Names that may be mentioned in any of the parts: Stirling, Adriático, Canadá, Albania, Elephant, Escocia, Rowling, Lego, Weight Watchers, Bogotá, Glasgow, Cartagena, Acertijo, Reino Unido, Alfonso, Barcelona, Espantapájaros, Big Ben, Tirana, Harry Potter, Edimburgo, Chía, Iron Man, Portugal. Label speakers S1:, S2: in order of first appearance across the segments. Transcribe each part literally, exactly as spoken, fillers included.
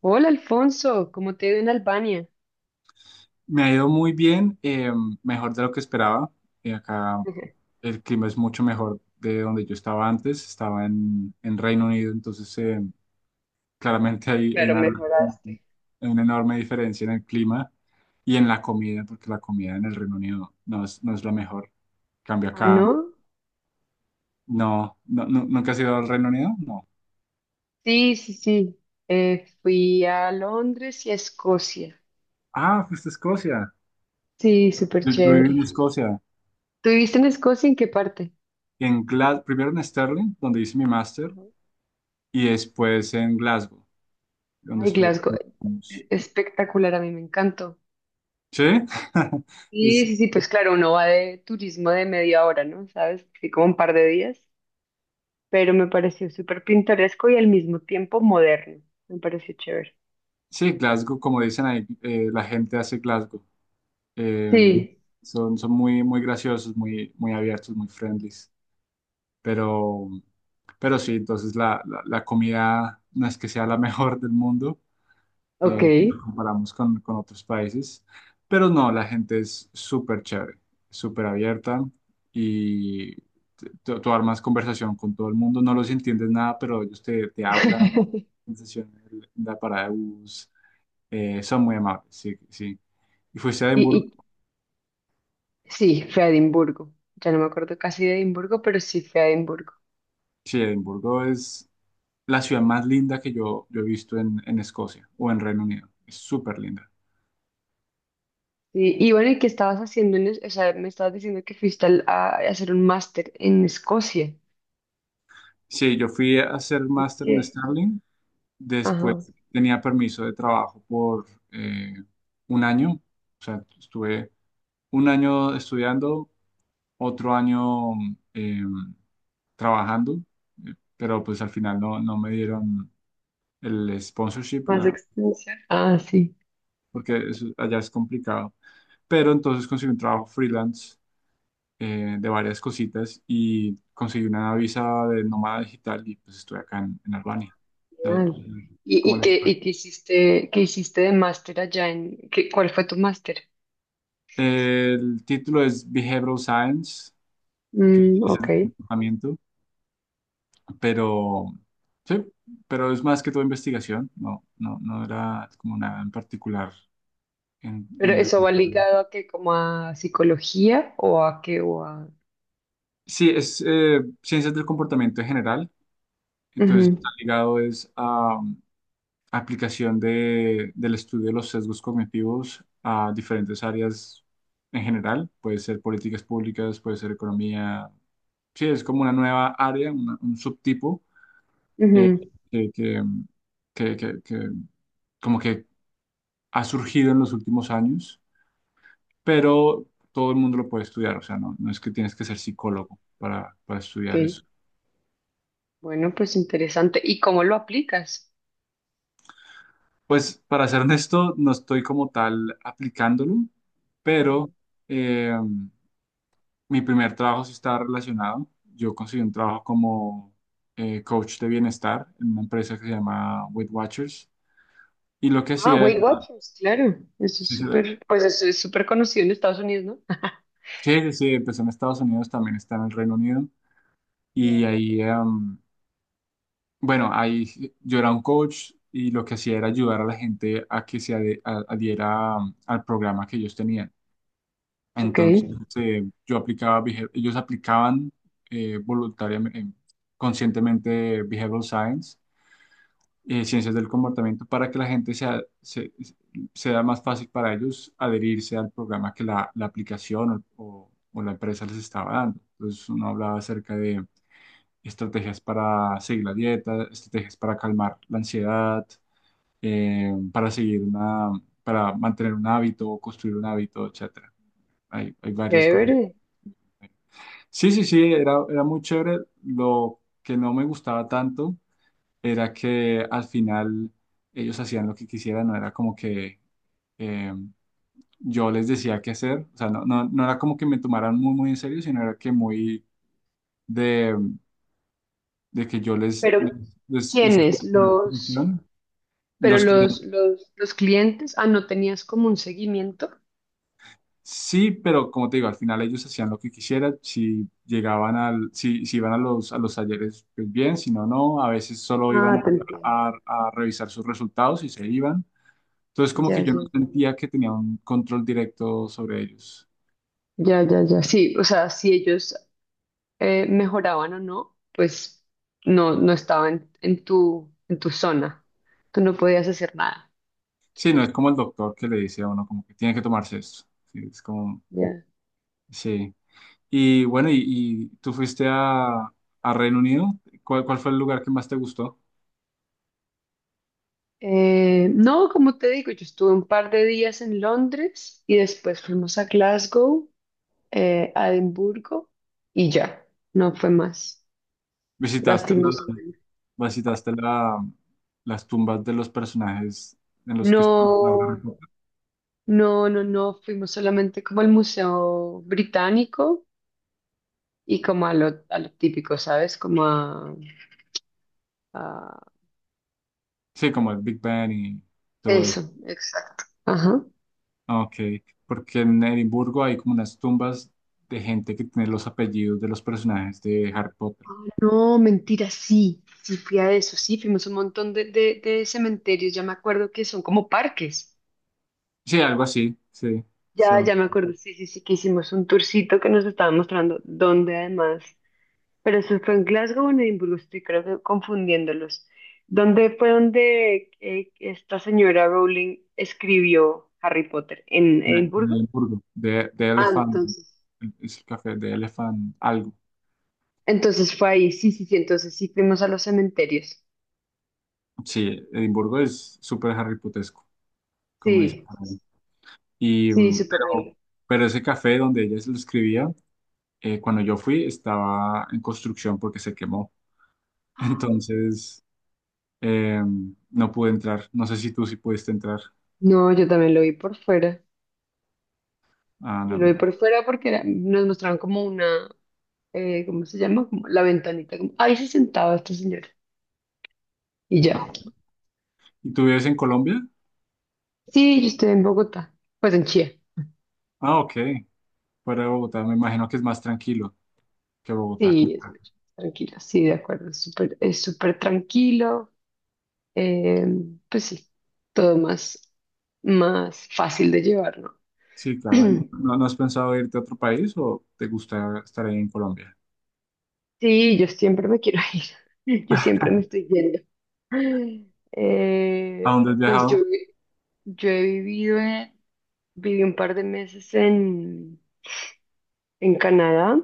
S1: Hola Alfonso, ¿cómo te ha ido en Albania?
S2: Me ha ido muy bien, eh, mejor de lo que esperaba. Eh, acá el clima es mucho mejor de donde yo estaba antes. Estaba en, en Reino Unido, entonces eh, claramente hay, hay
S1: Claro,
S2: una,
S1: mejoraste.
S2: hay una enorme diferencia en el clima y en la comida, porque la comida en el Reino Unido no es, no es la mejor. Cambio
S1: Ah,
S2: acá,
S1: ¿no?
S2: no, no, nu- ¿nunca has ido al Reino Unido? No.
S1: Sí, sí, sí. Eh, fui a Londres y a Escocia.
S2: Ah, fuiste a Escocia.
S1: Sí, súper
S2: Yo, yo viví
S1: chévere.
S2: en Escocia,
S1: ¿Tú viviste en Escocia? ¿En qué parte?
S2: en Gla- primero en Stirling, donde hice mi máster,
S1: Ajá.
S2: y después en Glasgow, donde
S1: Ay,
S2: estuve.
S1: Glasgow. eh, Espectacular, a mí me encantó.
S2: Sí,
S1: Sí,
S2: es,
S1: sí, sí, pues claro, uno va de turismo de media hora, ¿no? ¿Sabes? Sí, como un par de días, pero me pareció súper pintoresco y al mismo tiempo moderno. Me pareció chévere.
S2: sí, Glasgow, como dicen ahí, eh, la gente hace Glasgow. Eh,
S1: Sí,
S2: Son, son muy, muy graciosos, muy, muy abiertos, muy friendlies. Pero, pero sí, entonces la, la, la comida no es que sea la mejor del mundo,
S1: ok.
S2: eh, si lo comparamos con, con otros países. Pero no, la gente es súper chévere, súper abierta y t- tú, tú armas conversación con todo el mundo. No los entiendes nada, pero ellos te, te hablan sensacional, la parada de bus, eh, son muy amables, sí, sí. Y fuiste a Edimburgo,
S1: ¿Y, Sí, fui a Edimburgo. Ya no me acuerdo casi de Edimburgo, pero sí fui a Edimburgo.
S2: sí, Edimburgo es la ciudad más linda que yo, yo he visto en, en Escocia o en Reino Unido, es súper linda.
S1: Y, y bueno, ¿y qué estabas haciendo en es- O sea, me estabas diciendo que fuiste al- a, a hacer un máster en Escocia.
S2: Sí, yo fui a hacer máster en
S1: ¿Qué?
S2: Stirling,
S1: Ajá.
S2: después tenía permiso de trabajo por eh, un año, o sea, estuve un año estudiando, otro año eh, trabajando, eh, pero pues al final no, no me dieron el sponsorship,
S1: Más
S2: la,
S1: extensión. Ah, sí.
S2: porque es- allá es complicado. Pero entonces conseguí un trabajo freelance eh, de varias cositas y conseguí una visa de nómada digital y pues estoy acá en, en Albania. O sea,
S1: Genial.
S2: es
S1: ¿Y,
S2: como
S1: y
S2: la-
S1: qué, y qué hiciste, qué hiciste de máster allá en... qué- cuál fue tu máster?
S2: el título es Behavioral Science, que
S1: Mm,
S2: es
S1: ok.
S2: tratamiento, pero sí, pero es más que todo investigación, no, no, no era como nada en particular en,
S1: ¿Pero
S2: en
S1: eso va
S2: relación.
S1: ligado a qué? ¿Como a psicología o a qué? O a...
S2: Sí, es eh, ciencias del comportamiento en general. Entonces, está
S1: Ujú,
S2: ligado es a aplicación de, del estudio de los sesgos cognitivos a diferentes áreas en general. Puede ser políticas públicas, puede ser economía. Sí, es como una nueva área, una- un subtipo eh,
S1: ujú,
S2: que, que, que- que- que como que ha surgido en los últimos años, pero todo el mundo lo puede estudiar. O sea, no, no es que tienes que ser psicólogo para, para estudiar
S1: ok.
S2: eso.
S1: Bueno, pues interesante. ¿Y cómo lo aplicas?
S2: Pues para ser honesto, no estoy como tal aplicándolo,
S1: Ajá.
S2: pero... eh, mi primer trabajo sí estaba relacionado. Yo conseguí un trabajo como eh, coach de bienestar en una empresa que se llama Weight Watchers. Y lo que
S1: Ah,
S2: hacía era,
S1: Weight Watchers, claro. Eso es
S2: sí, sí,
S1: súper, pues eso es súper conocido en Estados Unidos, ¿no?
S2: sí, sí, sí, empezó en Estados Unidos, también está en el Reino Unido. Y
S1: Ya.
S2: ahí, em, bueno, ahí yo era un coach y lo que hacía era ayudar a la gente a que se ade- a- adhiera um, al programa que ellos tenían.
S1: Ok,
S2: Entonces, eh, yo aplicaba, behav- ellos aplicaban eh, voluntariamente, conscientemente behavioral science, eh, ciencias del comportamiento para que la gente sea, se- sea más fácil para ellos adherirse al programa que la, la aplicación o, o- o la empresa les estaba dando. Entonces uno hablaba acerca de estrategias para seguir la dieta, estrategias para calmar la ansiedad, eh, para seguir una, para mantener un hábito o construir un hábito, etcétera. Hay, hay varias cosas.
S1: chévere.
S2: Sí, sí, sí, era, era muy chévere. Lo que no me gustaba tanto era que al final ellos hacían lo que quisieran, no era como que eh, yo les decía qué hacer, o sea, no, no, no era como que me tomaran muy, muy en serio, sino era que muy de, de que yo les,
S1: Pero,
S2: les, les, les
S1: ¿quiénes?
S2: hacía como la
S1: Los,
S2: función.
S1: pero
S2: Los clientes,
S1: los, los, los clientes, ah, no tenías como un seguimiento.
S2: sí, pero como te digo, al final ellos hacían lo que quisieran, si llegaban al, si, si iban a los, a los talleres, pues bien, si no, no, a veces solo iban
S1: Ah, te entiendo.
S2: a, a a revisar sus resultados y se iban. Entonces, como que
S1: Ya,
S2: yo no
S1: ya,
S2: sentía que tenía un control directo sobre ellos.
S1: ya, ya, ya. Sí, o sea, si ellos eh, mejoraban o no, pues no, no estaban en tu, en tu zona. Tú no podías hacer nada.
S2: Sí, no es como el doctor que le dice a uno como que tiene que tomarse esto. Sí, es como,
S1: Ya.
S2: sí. Y bueno, y, y tú fuiste a, a Reino Unido. ¿Cuál, cuál fue el lugar que más te gustó?
S1: Eh, no, como te digo, yo estuve un par de días en Londres y después fuimos a Glasgow, eh, a Edimburgo y ya, no fue más,
S2: ¿Visitaste la,
S1: lastimosamente.
S2: ¿visitaste la, las tumbas de los personajes en los que estaban
S1: No,
S2: trabajando?
S1: no, no, no, fuimos solamente como al Museo Británico y como a lo, a lo típico, ¿sabes? Como a, a-
S2: Sí, como el Big Ben y todo eso.
S1: eso, exacto. Ajá.
S2: Ah, ok, porque en Edimburgo hay como unas tumbas de gente que tiene los apellidos de los personajes de Harry Potter.
S1: No, mentira, sí, sí fui a eso, sí, fuimos a un montón de, de de cementerios, ya me acuerdo que son como parques.
S2: Sí, algo así, sí.
S1: Ya,
S2: So,
S1: ya me acuerdo, sí, sí, sí, que hicimos un tourcito que nos estaba mostrando dónde además, pero eso fue en Glasgow o en Edimburgo, estoy creo que confundiéndolos. ¿Dónde fue donde eh, esta señora Rowling escribió Harry Potter? ¿En
S2: en en
S1: Edimburgo?
S2: Edimburgo, de, de
S1: Ah,
S2: Elephant,
S1: entonces.
S2: es el café de Elephant algo.
S1: Entonces fue ahí, sí, sí, sí, entonces sí fuimos a los cementerios.
S2: Sí, Edimburgo es súper Harry Potesco, como dice
S1: Sí,
S2: por ahí. Y,
S1: sí,
S2: mm,
S1: súper lindo.
S2: pero, pero ese café donde ella se lo escribía, eh, cuando yo fui, estaba en construcción porque se quemó.
S1: ¡Ah!
S2: Entonces, eh, no pude entrar. No sé si tú sí pudiste entrar.
S1: No, yo también lo vi por fuera.
S2: Ah,
S1: Yo lo
S2: no.
S1: vi por fuera porque era- Nos mostraron como una, eh, ¿cómo se llama? Como la ventanita, como, ahí se sentaba esta señora. Y
S2: No.
S1: ya.
S2: ¿Y tú vives en Colombia?
S1: Sí, yo estoy en Bogotá, pues en Chía.
S2: Ah, ok. Para Bogotá, me imagino que es más tranquilo que Bogotá.
S1: Sí, es muy tranquilo, sí, de acuerdo, es súper, es súper tranquilo. eh, pues sí, todo más, más fácil de llevar, ¿no?
S2: Sí, claro. ¿No, no has pensado irte a otro país o te gusta estar ahí en Colombia?
S1: Sí, yo siempre me quiero ir, yo siempre me estoy yendo.
S2: ¿A
S1: Eh,
S2: dónde has
S1: pues
S2: viajado?
S1: yo, yo he vivido, en- viví un par de meses en, en Canadá.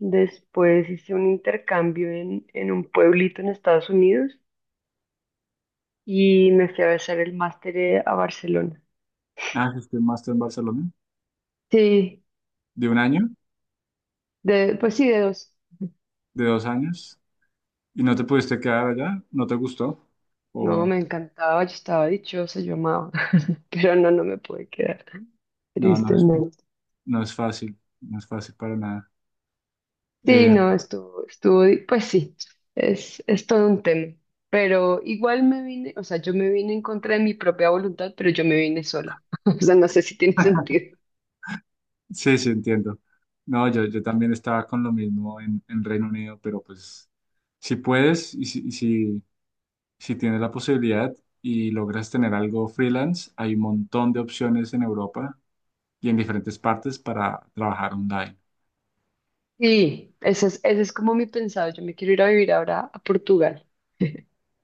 S1: Después hice un intercambio en, en un pueblito en Estados Unidos y me fui a hacer el máster eh, a Barcelona.
S2: Ah, hiciste un máster en Barcelona.
S1: Sí,
S2: ¿De un año?
S1: de, pues sí, de dos.
S2: ¿De dos años? ¿Y no te pudiste quedar allá? ¿No te gustó?
S1: No,
S2: O
S1: me encantaba, yo estaba dichosa, yo amaba, pero no, no me pude quedar,
S2: no, no, es-
S1: tristemente.
S2: no es fácil. No es fácil para nada.
S1: Sí,
S2: Eh,
S1: no, estuvo, estuvo, di- pues sí, es, es todo un tema. Pero igual me vine, o sea, yo me vine en contra de mi propia voluntad, pero yo me vine sola. O sea, no sé si tiene sentido.
S2: sí, sí, entiendo. No, yo, yo también estaba con lo mismo en, en Reino Unido, pero pues si puedes y si, y si, si tienes la posibilidad y logras tener algo freelance, hay un montón de opciones en Europa y en diferentes partes para trabajar online.
S1: Sí, ese es, ese es como mi pensado. Yo me quiero ir a vivir ahora a Portugal.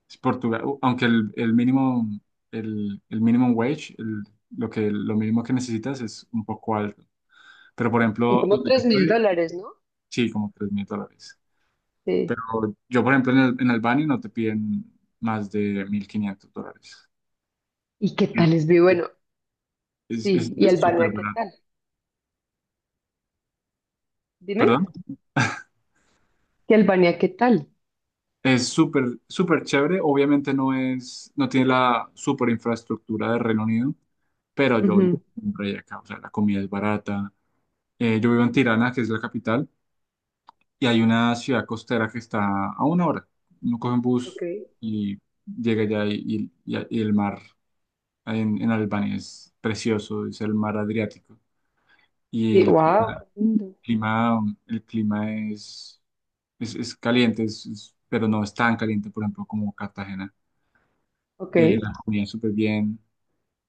S2: Es Portugal, u- aunque el, el mínimo, el, el minimum wage, el- lo que, lo mínimo que necesitas es un poco alto. Pero, por
S1: Son
S2: ejemplo,
S1: como
S2: donde yo
S1: tres mil
S2: estoy,
S1: dólares, ¿no?
S2: sí, como tres mil dólares. Pero
S1: Sí.
S2: yo, por ejemplo, en, el- en Albania no te piden más de mil quinientos dólares.
S1: ¿Y qué
S2: Sí.
S1: tal es? Vi- Bueno,
S2: Es, es, es
S1: sí. ¿Y Albania
S2: súper
S1: qué
S2: barato.
S1: tal?
S2: ¿Perdón?
S1: Dime. ¿Y Albania qué tal?
S2: Es súper, súper chévere. Obviamente no es, no tiene la súper infraestructura de Reino Unido, pero yo vivo
S1: Ujú.
S2: en un rey acá. O sea, la comida es barata. Eh, yo vivo en Tirana, que es la capital, y hay una ciudad costera que está a una hora. Uno coge un
S1: Ok.
S2: bus y llega allá y, y- y el mar en, en Albania es precioso, es el mar Adriático. Y
S1: Sí,
S2: el
S1: wow, qué lindo.
S2: clima, el clima es, es, es caliente, es- es- pero no es tan caliente, por ejemplo, como Cartagena.
S1: Ok.
S2: Eh, la comida es súper bien,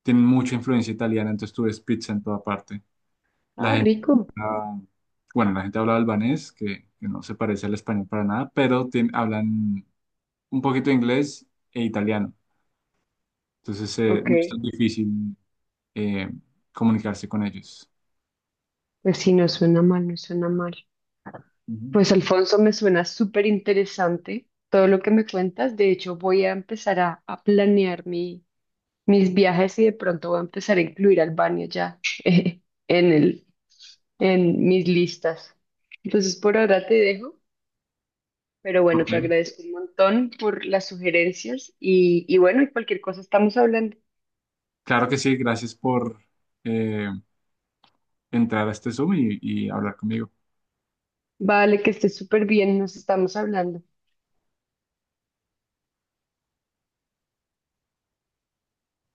S2: tienen mucha influencia italiana, entonces tú ves pizza en toda parte.
S1: Ah,
S2: La
S1: rico.
S2: Ah, bueno, la gente habla albanés, que, que no se parece al español para nada, pero tien- hablan un poquito de inglés e italiano. Entonces, eh,
S1: Ok.
S2: no es tan difícil eh, comunicarse con ellos.
S1: Pues sí, no suena mal, no suena mal.
S2: Ujú.
S1: Pues Alfonso, me suena súper interesante todo lo que me cuentas. De hecho, voy a empezar a, a planear mi mis viajes y de pronto voy a empezar a incluir Albania ya, eh, en el, en mis listas. Entonces por ahora te dejo, pero bueno, te
S2: Ok.
S1: agradezco un montón por las sugerencias y, y bueno, y cualquier cosa estamos hablando.
S2: Claro que sí, gracias por eh, entrar a este Zoom y y hablar conmigo.
S1: Vale, que estés súper bien, nos estamos hablando.